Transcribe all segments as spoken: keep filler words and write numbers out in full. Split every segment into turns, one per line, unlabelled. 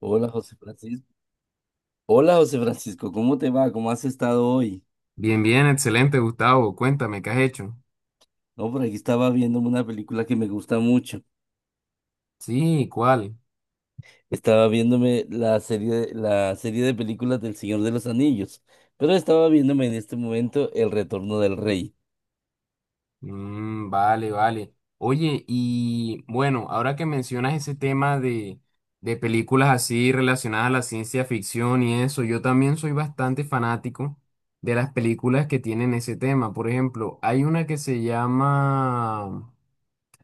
Hola José Francisco. Hola José Francisco, ¿cómo te va? ¿Cómo has estado hoy?
Bien, bien, excelente, Gustavo. Cuéntame, ¿qué has hecho?
No, por aquí estaba viéndome una película que me gusta mucho.
Sí, ¿cuál?
Estaba viéndome la serie, la serie de películas del Señor de los Anillos, pero estaba viéndome en este momento El Retorno del Rey.
Mm, vale, vale. Oye, y bueno, ahora que mencionas ese tema de, de películas así relacionadas a la ciencia ficción y eso, yo también soy bastante fanático de las películas que tienen ese tema. Por ejemplo, hay una que se llama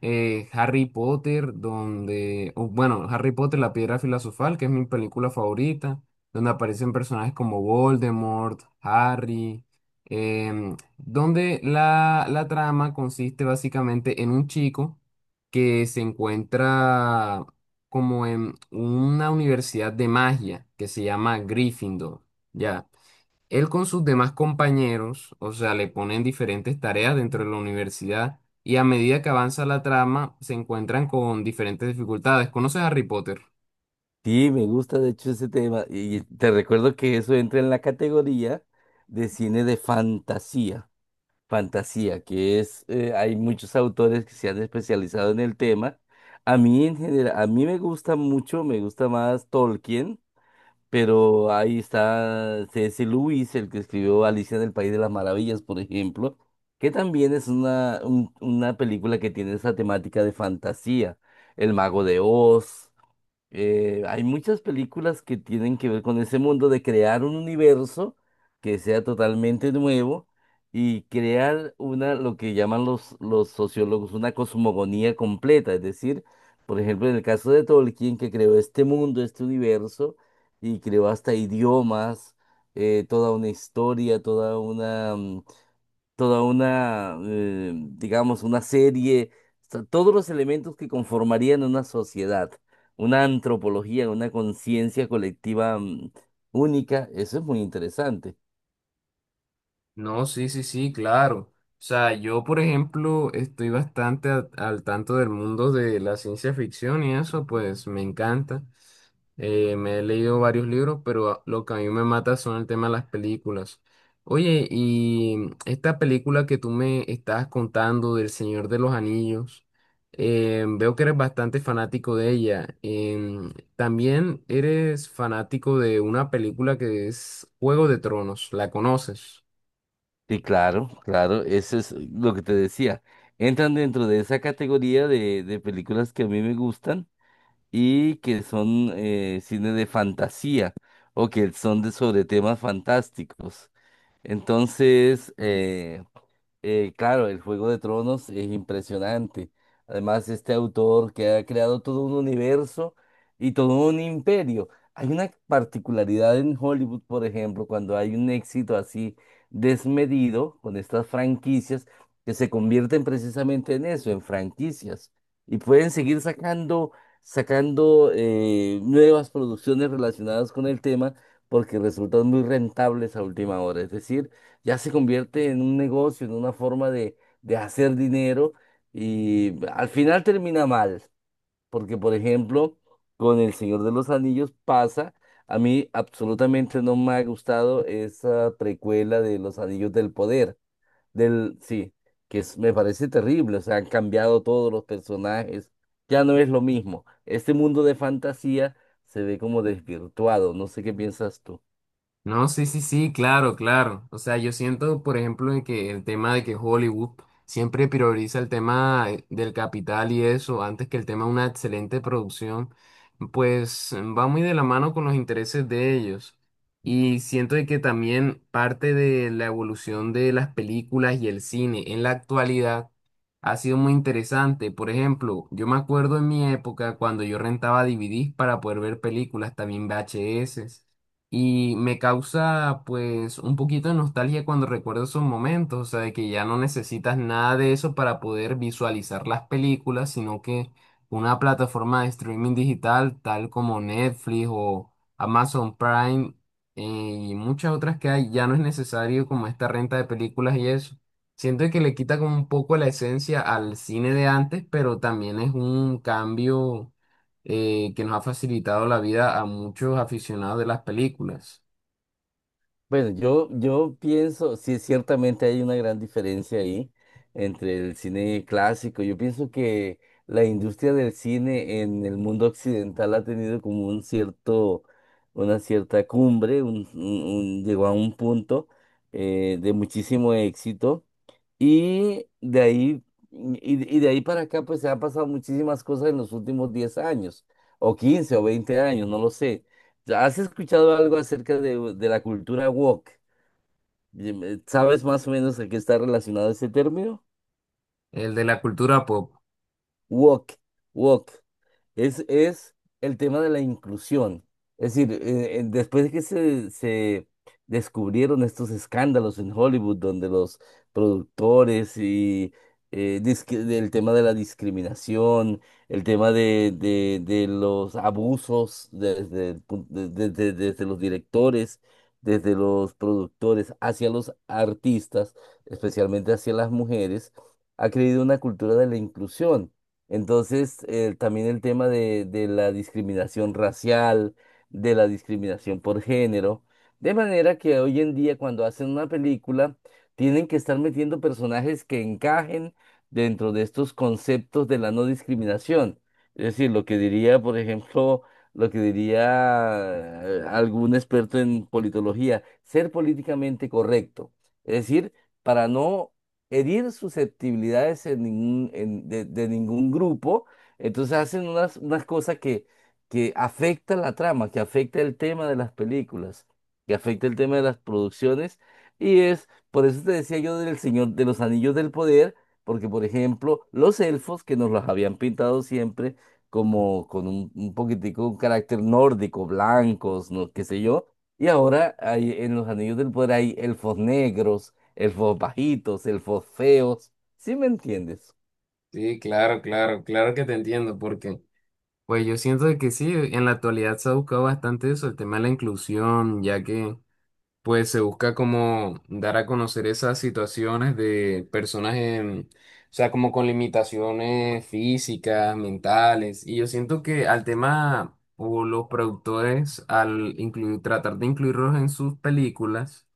eh, Harry Potter, donde, o, bueno, Harry Potter, La Piedra Filosofal, que es mi película favorita, donde aparecen personajes como Voldemort, Harry, em, donde la, la trama consiste básicamente en un chico que se encuentra como en una universidad de magia que se llama Gryffindor. Ya. Él con sus demás compañeros, o sea, le ponen diferentes tareas dentro de la universidad y a medida que avanza la trama se encuentran con diferentes dificultades. ¿Conoces a Harry Potter?
Sí, me gusta de hecho ese tema y te recuerdo que eso entra en la categoría de cine de fantasía. Fantasía, que es, eh, hay muchos autores que se han especializado en el tema. A mí en general, a mí me gusta mucho, me gusta más Tolkien, pero ahí está C. S. Lewis, el que escribió Alicia en el País de las Maravillas, por ejemplo, que también es una, un- una película que tiene esa temática de fantasía, El Mago de Oz. Eh, hay muchas películas que tienen que ver con ese mundo de crear un universo que sea totalmente nuevo y crear una, lo que llaman los, los sociólogos, una cosmogonía completa. Es decir, por ejemplo, en el caso de Tolkien, que creó este mundo, este universo, y creó hasta idiomas, eh, toda una historia, toda una mm, toda una, eh, digamos, una serie, o sea, todos los elementos que conformarían una sociedad, una antropología, una conciencia colectiva, mm, única, eso es muy interesante.
No, sí, sí, sí, claro. O sea, yo, por ejemplo, estoy bastante a- al tanto del mundo de la ciencia ficción y eso, pues me encanta. Eh, me he leído varios libros, pero a- lo que a mí me mata son el tema de las películas. Oye, y esta película que tú me estabas contando del Señor de los Anillos, eh, veo que eres bastante fanático de ella. Em, también eres fanático de una película que es Juego de Tronos, ¿la conoces?
Sí, claro, claro, eso es lo que te decía. Entran dentro de esa categoría de, de películas que a mí me gustan y que son eh, cine de fantasía o que son de sobre temas fantásticos. Entonces, eh, Eh, claro, el Juego de Tronos es impresionante. Además, este autor que ha creado todo un universo y todo un imperio. Hay una particularidad en Hollywood, por ejemplo, cuando hay un éxito así desmedido con estas franquicias que se convierten precisamente en eso, en franquicias. Y pueden seguir sacando, sacando eh, nuevas producciones relacionadas con el tema porque resultan muy rentables a última hora. Es decir, ya se convierte en un negocio, en una forma de, de hacer dinero y al final termina mal, porque por ejemplo, con El Señor de los Anillos pasa, a mí absolutamente no me ha gustado esa precuela de Los Anillos del Poder, del, sí, que es- me parece terrible, o sea, han cambiado todos los personajes, ya no es lo mismo, este mundo de fantasía se ve como desvirtuado, no sé qué piensas tú.
No, sí, sí, sí, claro, claro. O sea, yo siento, por ejemplo, de que el tema de que Hollywood siempre prioriza el tema eh, del capital y eso, antes que el tema de una excelente producción, pues mm, va muy de la mano con los intereses de ellos. Y siento de que también parte de la evolución de las películas y el cine en la actualidad ha sido muy interesante. Por ejemplo, yo me acuerdo en mi época cuando yo rentaba D V Ds para poder ver películas, también V H S. Y me causa pues un poquito de nostalgia cuando recuerdo esos momentos, o sea, de que ya no necesitas nada de eso para poder visualizar las películas, sino que una plataforma de streaming digital tal como Netflix o Amazon Prime eh, y muchas otras que hay, ya no es necesario como esta renta de películas y eso. Siento que le quita como un poco la esencia al cine de antes, pero también es un cambio eh, que nos ha facilitado la vida a muchos aficionados de las películas,
Bueno, yo, yo pienso, sí, ciertamente hay una gran diferencia ahí entre el cine clásico. Yo pienso que la industria del cine en el mundo occidental ha tenido como un cierto, una cierta cumbre, un, un- un- llegó a un punto eh, de muchísimo éxito. Y de ahí, y, y de ahí para acá, pues se han pasado muchísimas cosas en los últimos diez años, o quince o veinte años, no lo sé. ¿Has escuchado algo acerca de, de la cultura woke? Dime, ¿sabes más o menos a qué está relacionado ese término?
el de la cultura pop.
Woke, woke. es, es el tema de la inclusión. Es decir, eh, eh, después de que se, se descubrieron estos escándalos en Hollywood, donde los productores y eh, disque- del tema de la discriminación, el tema de, de, de los abusos desde, el pun- de- de- de- desde los directores, desde los productores hacia los artistas, especialmente hacia las mujeres, ha creído una cultura de la inclusión. Entonces, eh, también el tema de, de la discriminación racial, de la discriminación por género, de manera que hoy en día cuando hacen una película, tienen que estar metiendo personajes que encajen dentro de estos conceptos de la no discriminación. Es decir, lo que diría, por ejemplo, lo que diría eh, algún experto en politología, ser políticamente correcto. Es decir, para no herir susceptibilidades en ningún, en- de, de ningún grupo. Entonces hacen unas, unas cosas que, que afectan la trama, que afecta el tema de las películas, que afecta el tema de las producciones. Y es, por eso te decía yo del Señor de los Anillos del Poder, porque por ejemplo, los elfos que nos los habían pintado siempre como con un, un poquitico un carácter nórdico, blancos, no, qué sé yo. Y ahora hay, en los Anillos del Poder hay elfos negros, el elfos bajitos, el elfos feos. ¿Sí me entiendes?
Sí, claro, claro, claro que te entiendo, porque pues yo siento de que sí, en la actualidad se ha buscado bastante eso, el tema de la inclusión, ya que pues se busca como dar a conocer esas situaciones de personas en, o sea, como con limitaciones físicas, mentales, y yo siento que al tema o los productores al incluir, tratar de incluirlos en sus películas,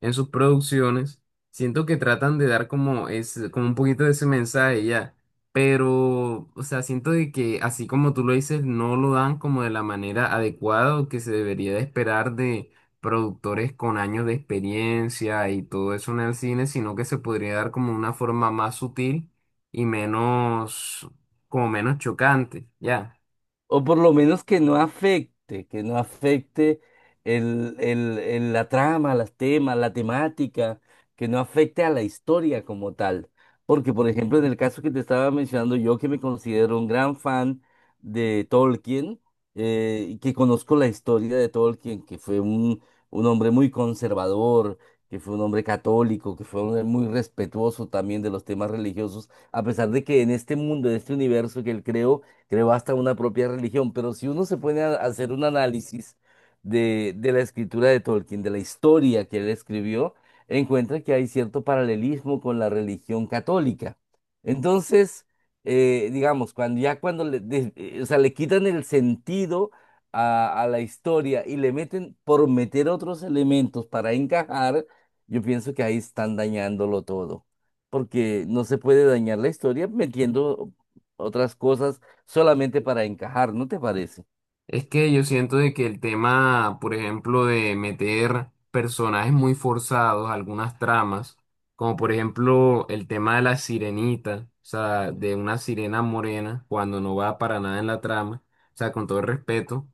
en sus producciones, siento que tratan de dar como, es, como un poquito de ese mensaje ya, pero, o sea, siento de que así como tú lo dices, no lo dan como de la manera adecuada o que se debería de esperar de productores con años de experiencia y todo eso en el cine, sino que se podría dar como una forma más sutil y menos, como menos chocante, ya.
O por lo menos que no afecte, que no afecte el, el- el- la trama, las temas, la temática, que no afecte a la historia como tal. Porque, por ejemplo, en el caso que te estaba mencionando, yo que me considero un gran fan de Tolkien, eh, y que conozco la historia de Tolkien, que fue un, un hombre muy conservador, que fue un hombre católico, que fue un hombre muy respetuoso también de los temas religiosos, a pesar de que en este mundo, en este universo que él creó, creó hasta una propia religión, pero si uno se pone a hacer un análisis de, de la escritura de Tolkien, de la historia que él escribió, encuentra que hay cierto paralelismo con la religión católica. Entonces, eh, digamos, cuando ya cuando le, des- eh, o sea, le quitan el sentido a, a la historia y le meten por meter otros elementos para encajar, yo pienso que ahí están dañándolo todo, porque no se puede dañar la historia metiendo otras cosas solamente para encajar, ¿no te parece?
Es que yo siento de que el tema, por ejemplo, de meter personajes muy forzados, algunas tramas, como por ejemplo el tema de la sirenita, o sea, de una sirena morena, cuando no va para nada en la trama, o sea, con todo el respeto,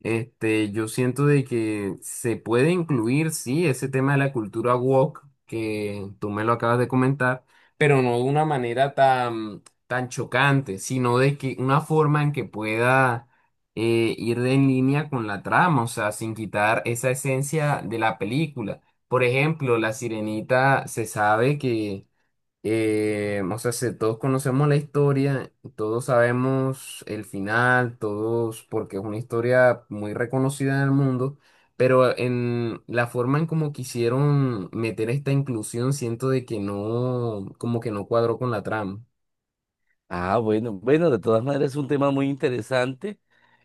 este, yo siento de que se puede incluir, sí, ese tema de la cultura woke, que tú me lo acabas de comentar, pero no de una manera tan, tan chocante, sino de que una forma en que pueda eh, ir en línea con la trama, o sea, sin quitar esa esencia de la película. Por ejemplo, La Sirenita se sabe que, eh, o sea, se- todos conocemos la historia, todos sabemos el final, todos, porque es una historia muy reconocida en el mundo. Pero en la forma en como quisieron meter esta inclusión, siento de que no, como que no cuadró con la trama.
Ah, bueno, bueno, de todas maneras es un tema muy interesante.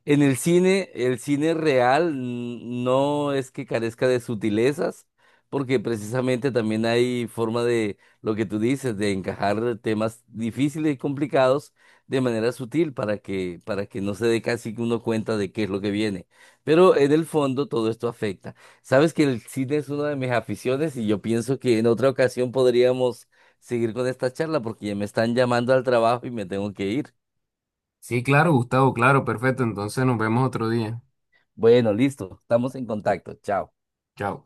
En el cine, el cine real mm, no es que carezca de sutilezas, porque precisamente también hay forma de lo que tú dices, de encajar temas difíciles y complicados de manera sutil para que, para que no se dé casi que uno cuenta de qué es lo que viene. Pero en el fondo todo esto afecta. Sabes que el cine es una de mis aficiones y yo pienso que en otra ocasión podríamos seguir con esta charla porque ya me están llamando al trabajo y me tengo que ir.
Sí, claro, Gustavo, claro, perfecto. Entonces nos vemos otro día.
Bueno, listo, estamos en contacto. Chao.
Chao.